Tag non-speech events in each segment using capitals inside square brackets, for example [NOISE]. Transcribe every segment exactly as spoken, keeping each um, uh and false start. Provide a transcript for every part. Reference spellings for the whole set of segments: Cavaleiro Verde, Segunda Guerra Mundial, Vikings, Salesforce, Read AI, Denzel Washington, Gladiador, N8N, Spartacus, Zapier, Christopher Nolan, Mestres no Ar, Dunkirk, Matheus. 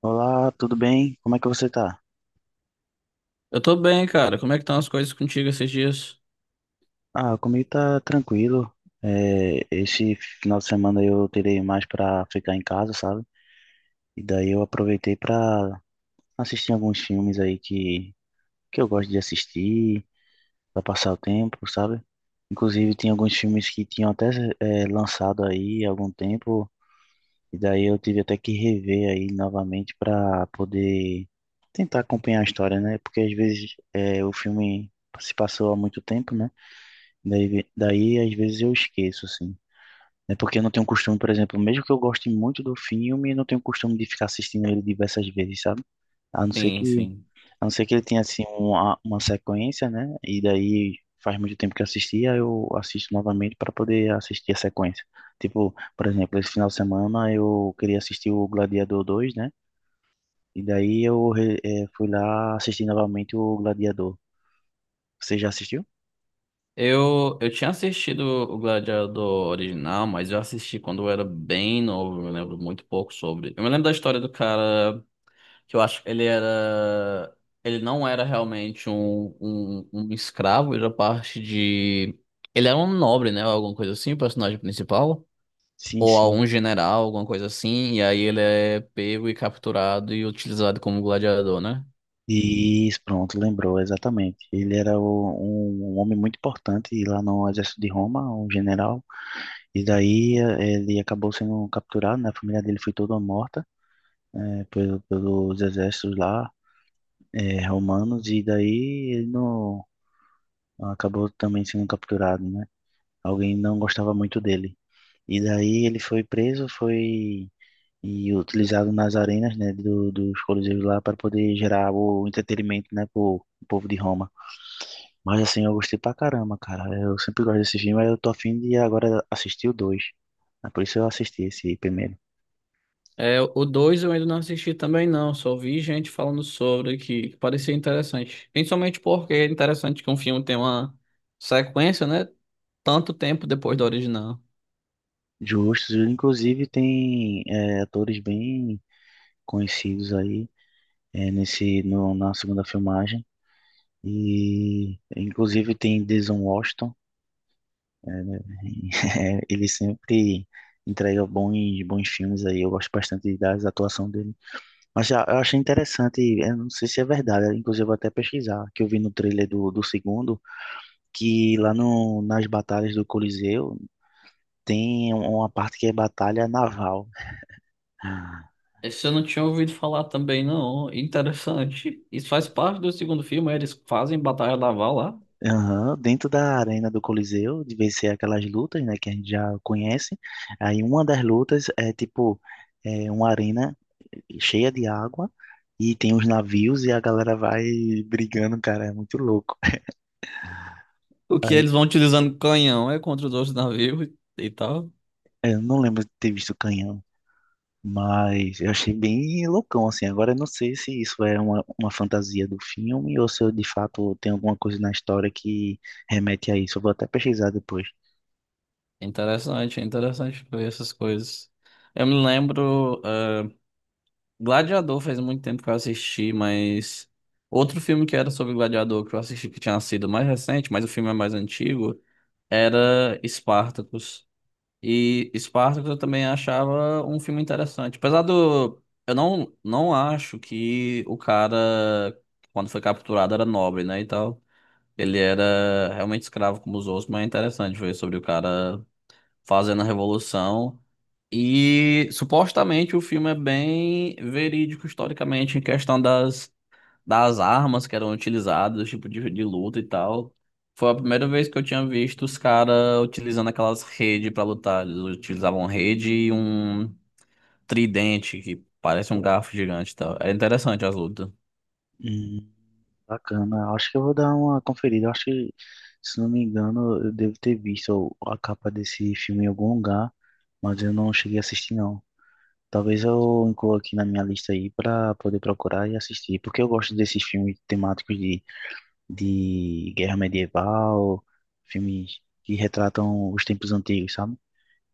Olá, tudo bem? Como é que você tá? Eu tô bem, cara. Como é que estão as coisas contigo esses dias? Ah, comigo tá tranquilo. É, esse final de semana eu terei mais pra ficar em casa, sabe? E daí eu aproveitei pra assistir alguns filmes aí que, que eu gosto de assistir, pra passar o tempo, sabe? Inclusive tem alguns filmes que tinham até é, lançado aí há algum tempo, e daí eu tive até que rever aí novamente pra poder tentar acompanhar a história, né? Porque às vezes é, o filme se passou há muito tempo, né? Daí, daí às vezes eu esqueço, assim. É porque eu não tenho costume, por exemplo, mesmo que eu goste muito do filme, eu não tenho costume de ficar assistindo ele diversas vezes, sabe? A não ser Sim, que, sim. a não ser que ele tenha, assim, uma, uma sequência, né? E daí faz muito tempo que eu assisti, aí eu assisto novamente para poder assistir a sequência. Tipo, por exemplo, esse final de semana eu queria assistir o Gladiador dois, né? E daí eu re- eh, fui lá assistir novamente o Gladiador. Você já assistiu? Eu, eu tinha assistido o Gladiador original, mas eu assisti quando eu era bem novo. Eu me lembro muito pouco sobre. Eu me lembro da história do cara que eu acho que ele era. Ele não era realmente um, um, um escravo, ele era parte de. Ele era um nobre, né? Alguma coisa assim, o personagem principal. Sim, Ou sim. algum general, alguma coisa assim. E aí ele é pego e capturado e utilizado como gladiador, né? Isso, pronto, lembrou, exatamente. Ele era o- um, um homem muito importante lá no exército de Roma, um general, e daí eh, ele acabou sendo capturado, né? A família dele foi toda morta eh, pelo- pelos exércitos lá eh, romanos, e daí ele não, acabou também sendo capturado, né? Alguém não gostava muito dele. E daí ele foi preso, foi e utilizado nas arenas, né, do, dos coliseus lá para poder gerar o entretenimento, né, pro, pro povo de Roma. Mas assim, eu gostei pra caramba, cara. Eu sempre gosto desse filme, aí eu tô afim de agora assistir o dois. É, por isso eu assisti esse primeiro. É, o dois eu ainda não assisti também não, só vi gente falando sobre que que parecia interessante. Principalmente porque é interessante que um filme tem uma sequência, né? Tanto tempo depois da original. Justos, inclusive tem é, atores bem conhecidos aí, é, nesse no, na segunda filmagem. E inclusive tem Denzel Washington. [LAUGHS] Ele sempre entrega bons, bons filmes aí. Eu gosto bastante da atuação dele. Mas já, eu achei interessante, eu não sei se é verdade, inclusive eu vou até pesquisar, que eu vi no trailer do, do segundo que lá no, nas batalhas do Coliseu tem um, uma parte que é batalha naval. Esse eu não tinha ouvido falar também não, interessante. Isso faz parte do segundo filme, né? Eles fazem batalha naval lá. Aham, dentro da arena do Coliseu, de vencer aquelas lutas, né, que a gente já conhece. Aí uma das lutas é tipo é uma arena cheia de água e tem os navios e a galera vai brigando, cara, é muito louco. O que Aí, eles vão utilizando canhão é contra os outros navios e e tal. eu não lembro de ter visto canhão. Mas eu achei bem loucão, assim. Agora eu não sei se isso é uma, uma fantasia do filme ou se eu, de fato tem alguma coisa na história que remete a isso. Eu vou até pesquisar depois. Interessante, é interessante ver essas coisas. Eu me lembro. Gladiador faz muito tempo que eu assisti, mas outro filme que era sobre Gladiador que eu assisti que tinha sido mais recente, mas o filme é mais antigo, era Spartacus. E Spartacus eu também achava um filme interessante. Apesar do eu não não acho que o cara quando foi capturado era nobre, né, e tal. Ele era realmente escravo como os outros, mas é interessante ver sobre o cara fazendo a revolução. E supostamente o filme é bem verídico historicamente em questão das, das armas que eram utilizadas, tipo de, de luta e tal. Foi a primeira vez que eu tinha visto os caras utilizando aquelas redes para lutar. Eles utilizavam rede e um tridente que parece um garfo gigante e tal. É interessante as lutas. Hum, bacana. Acho que eu vou dar uma conferida. Acho que, se não me engano, eu devo ter visto a capa desse filme em algum lugar, mas eu não cheguei a assistir, não. Talvez eu inclua aqui na minha lista aí para poder procurar e assistir, porque eu gosto desses filmes temáticos de de guerra medieval, filmes que retratam os tempos antigos, sabe?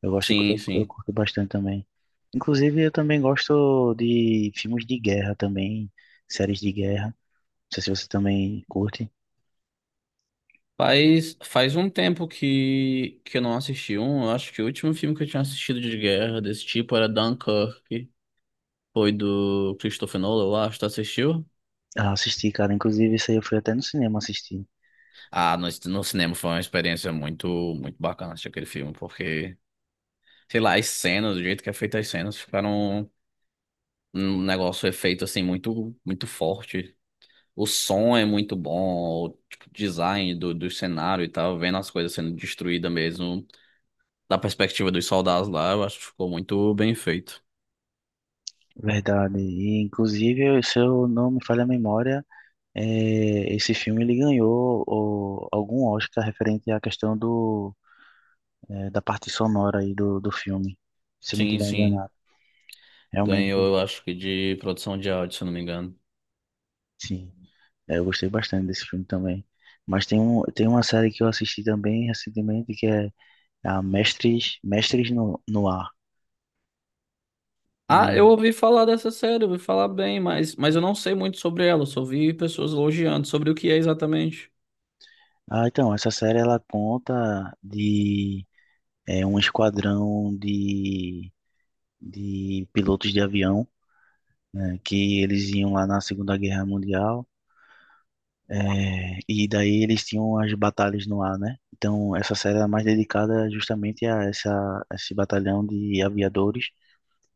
Eu gosto, Sim, eu, eu sim. curto bastante também. Inclusive, eu também gosto de filmes de guerra também, séries de guerra. Não sei se você também curte. Faz, faz um tempo que, que eu não assisti um. Eu acho que o último filme que eu tinha assistido de guerra desse tipo era Dunkirk. Foi do Christopher Nolan, eu acho. Tu assistiu? Ah, assisti, cara. Inclusive, isso aí eu fui até no cinema assistir. Ah, no, no cinema foi uma experiência muito, muito bacana assistir aquele filme, porque, sei lá, as cenas, do jeito que é feita as cenas, ficaram um negócio efeito assim muito, muito forte. O som é muito bom, o tipo, design do, do cenário e tal, vendo as coisas sendo destruídas mesmo, da perspectiva dos soldados lá, eu acho que ficou muito bem feito. Verdade. E, inclusive, se eu não me falha a memória, eh, esse filme ele ganhou o- algum Oscar referente à questão do, eh, da parte sonora aí do, do filme. Se eu não Sim, tiver sim. enganado. Realmente, Ganhou, eu acho que de produção de áudio, se eu não me engano. sim. É, eu gostei bastante desse filme também. Mas tem um, tem uma série que eu assisti também recentemente que é a Mestres, Mestres no, no Ar. Ah, eu E, ouvi falar dessa série, ouvi falar bem, mas, mas eu não sei muito sobre ela, eu só ouvi pessoas elogiando sobre o que é exatamente. ah, então, essa série ela conta de é, um esquadrão de, de pilotos de avião, né, que eles iam lá na Segunda Guerra Mundial. É, e daí eles tinham as batalhas no ar, né? Então, essa série é mais dedicada justamente a essa, esse batalhão de aviadores.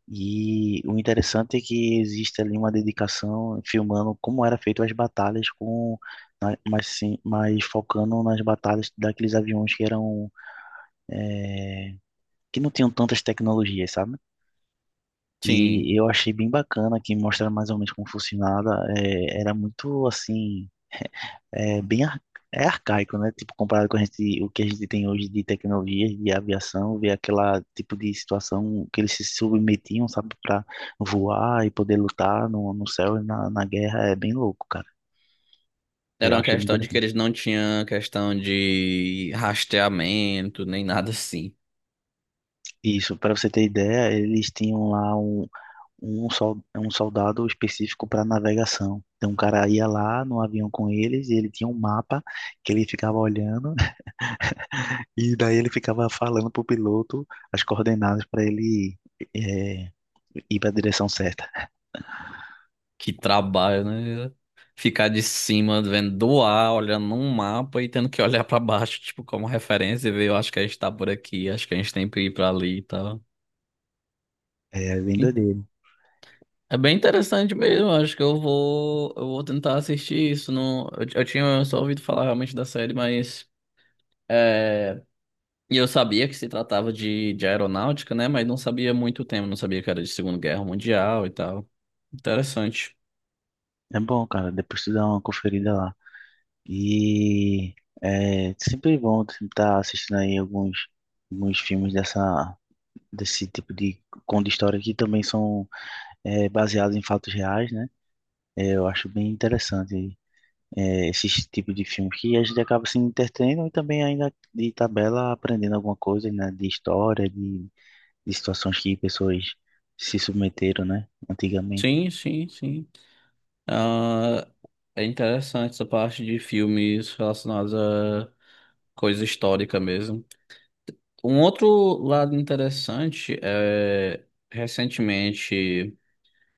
E o interessante é que existe ali uma dedicação filmando como era feito as batalhas com na- mas sim, mas focando nas batalhas daqueles aviões que eram é, que não tinham tantas tecnologias, sabe? E Sim, eu achei bem bacana que mostra mais ou menos como funcionava. É, era muito assim, é bem ar- é arcaico, né? Tipo, comparado com a gente, o que a gente tem hoje de tecnologias de aviação, ver aquela tipo de situação que eles se submetiam, sabe, para voar e poder lutar no, no céu e na, na guerra, é bem louco, cara. era Eu uma achei muito questão de que interessante. eles não tinham questão de rastreamento, nem nada assim. Isso, para você ter ideia, eles tinham lá um, um, sol, um soldado específico para navegação. Então, o cara ia lá no avião com eles e ele tinha um mapa que ele ficava olhando. E daí ele ficava falando pro piloto as coordenadas para ele é, ir para a direção certa. Que trabalho, né? Ficar de cima, vendo do ar, olhando um mapa e tendo que olhar pra baixo, tipo, como referência e ver, eu acho que a gente tá por aqui, acho que a gente tem que ir pra ali e tal. É bem doideiro. É bem interessante mesmo, acho que eu vou, eu vou tentar assistir isso. Não, eu, eu tinha só ouvido falar realmente da série, mas. é, E eu sabia que se tratava de, de aeronáutica, né? Mas não sabia muito o tema, não sabia que era de Segunda Guerra Mundial e tal. Interessante. É bom, cara. Depois tu dá uma conferida lá. E é sempre é bom estar assistindo aí alguns, alguns filmes dessa, desse tipo de conto de história que também são é, baseados em fatos reais, né? É, eu acho bem interessante é, esse tipo de filme que a gente acaba se entretendo e também ainda de tabela aprendendo alguma coisa, né? De história, de de situações que pessoas se submeteram, né, antigamente. Sim, sim, sim. Ah, é interessante essa parte de filmes relacionados a coisa histórica mesmo. Um outro lado interessante é, recentemente.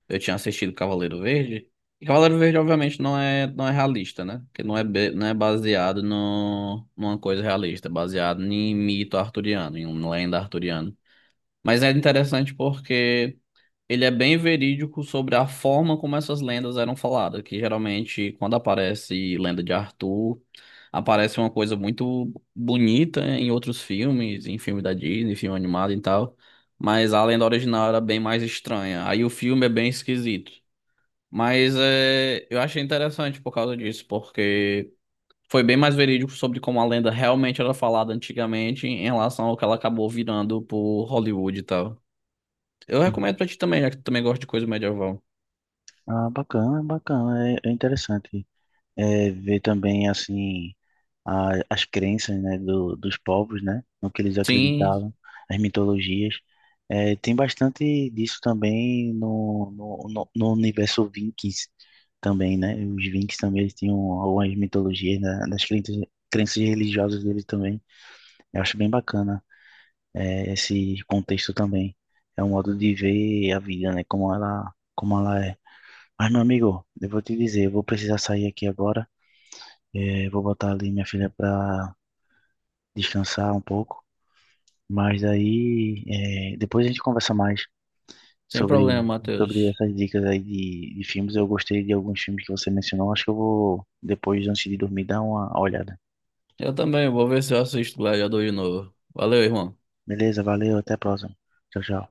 Eu tinha assistido Cavaleiro Verde. E Cavaleiro Verde, obviamente, não é, não é realista, né? Porque não é, be- não é baseado no, numa coisa realista, é baseado em mito arturiano, em uma lenda arturiana. Mas é interessante porque ele é bem verídico sobre a forma como essas lendas eram faladas, que geralmente, quando aparece lenda de Arthur, aparece uma coisa muito bonita em outros filmes, em filme da Disney, filme animado e tal. Mas a lenda original era bem mais estranha. Aí o filme é bem esquisito. Mas é, eu achei interessante por causa disso, porque foi bem mais verídico sobre como a lenda realmente era falada antigamente em relação ao que ela acabou virando por Hollywood e tal. Eu Hum. recomendo pra ti também, já que tu também gosta de coisa medieval. Ah, bacana, bacana, é, é interessante, é, ver também, assim, a, as crenças, né, do, dos povos, né, no que eles Sim, acreditavam, as mitologias. É, tem bastante disso também no, no, no, no universo Vikings também, né, os Vikings também eles tinham algumas mitologias, né, nas crenças, crenças religiosas deles também, eu acho bem bacana. É, esse contexto também. É um modo de ver a vida, né? Como ela, como ela é. Mas, meu amigo, eu vou te dizer, eu vou precisar sair aqui agora. É, vou botar ali minha filha para descansar um pouco. Mas aí, é, depois a gente conversa mais sem sobre, problema, sobre Matheus. essas dicas aí de, de filmes. Eu gostei de alguns filmes que você mencionou. Acho que eu vou, depois, antes de dormir, dar uma olhada. Eu também, vou ver se eu assisto Gladiador de novo. Valeu, irmão. Beleza, valeu, até a próxima. Tchau, tchau.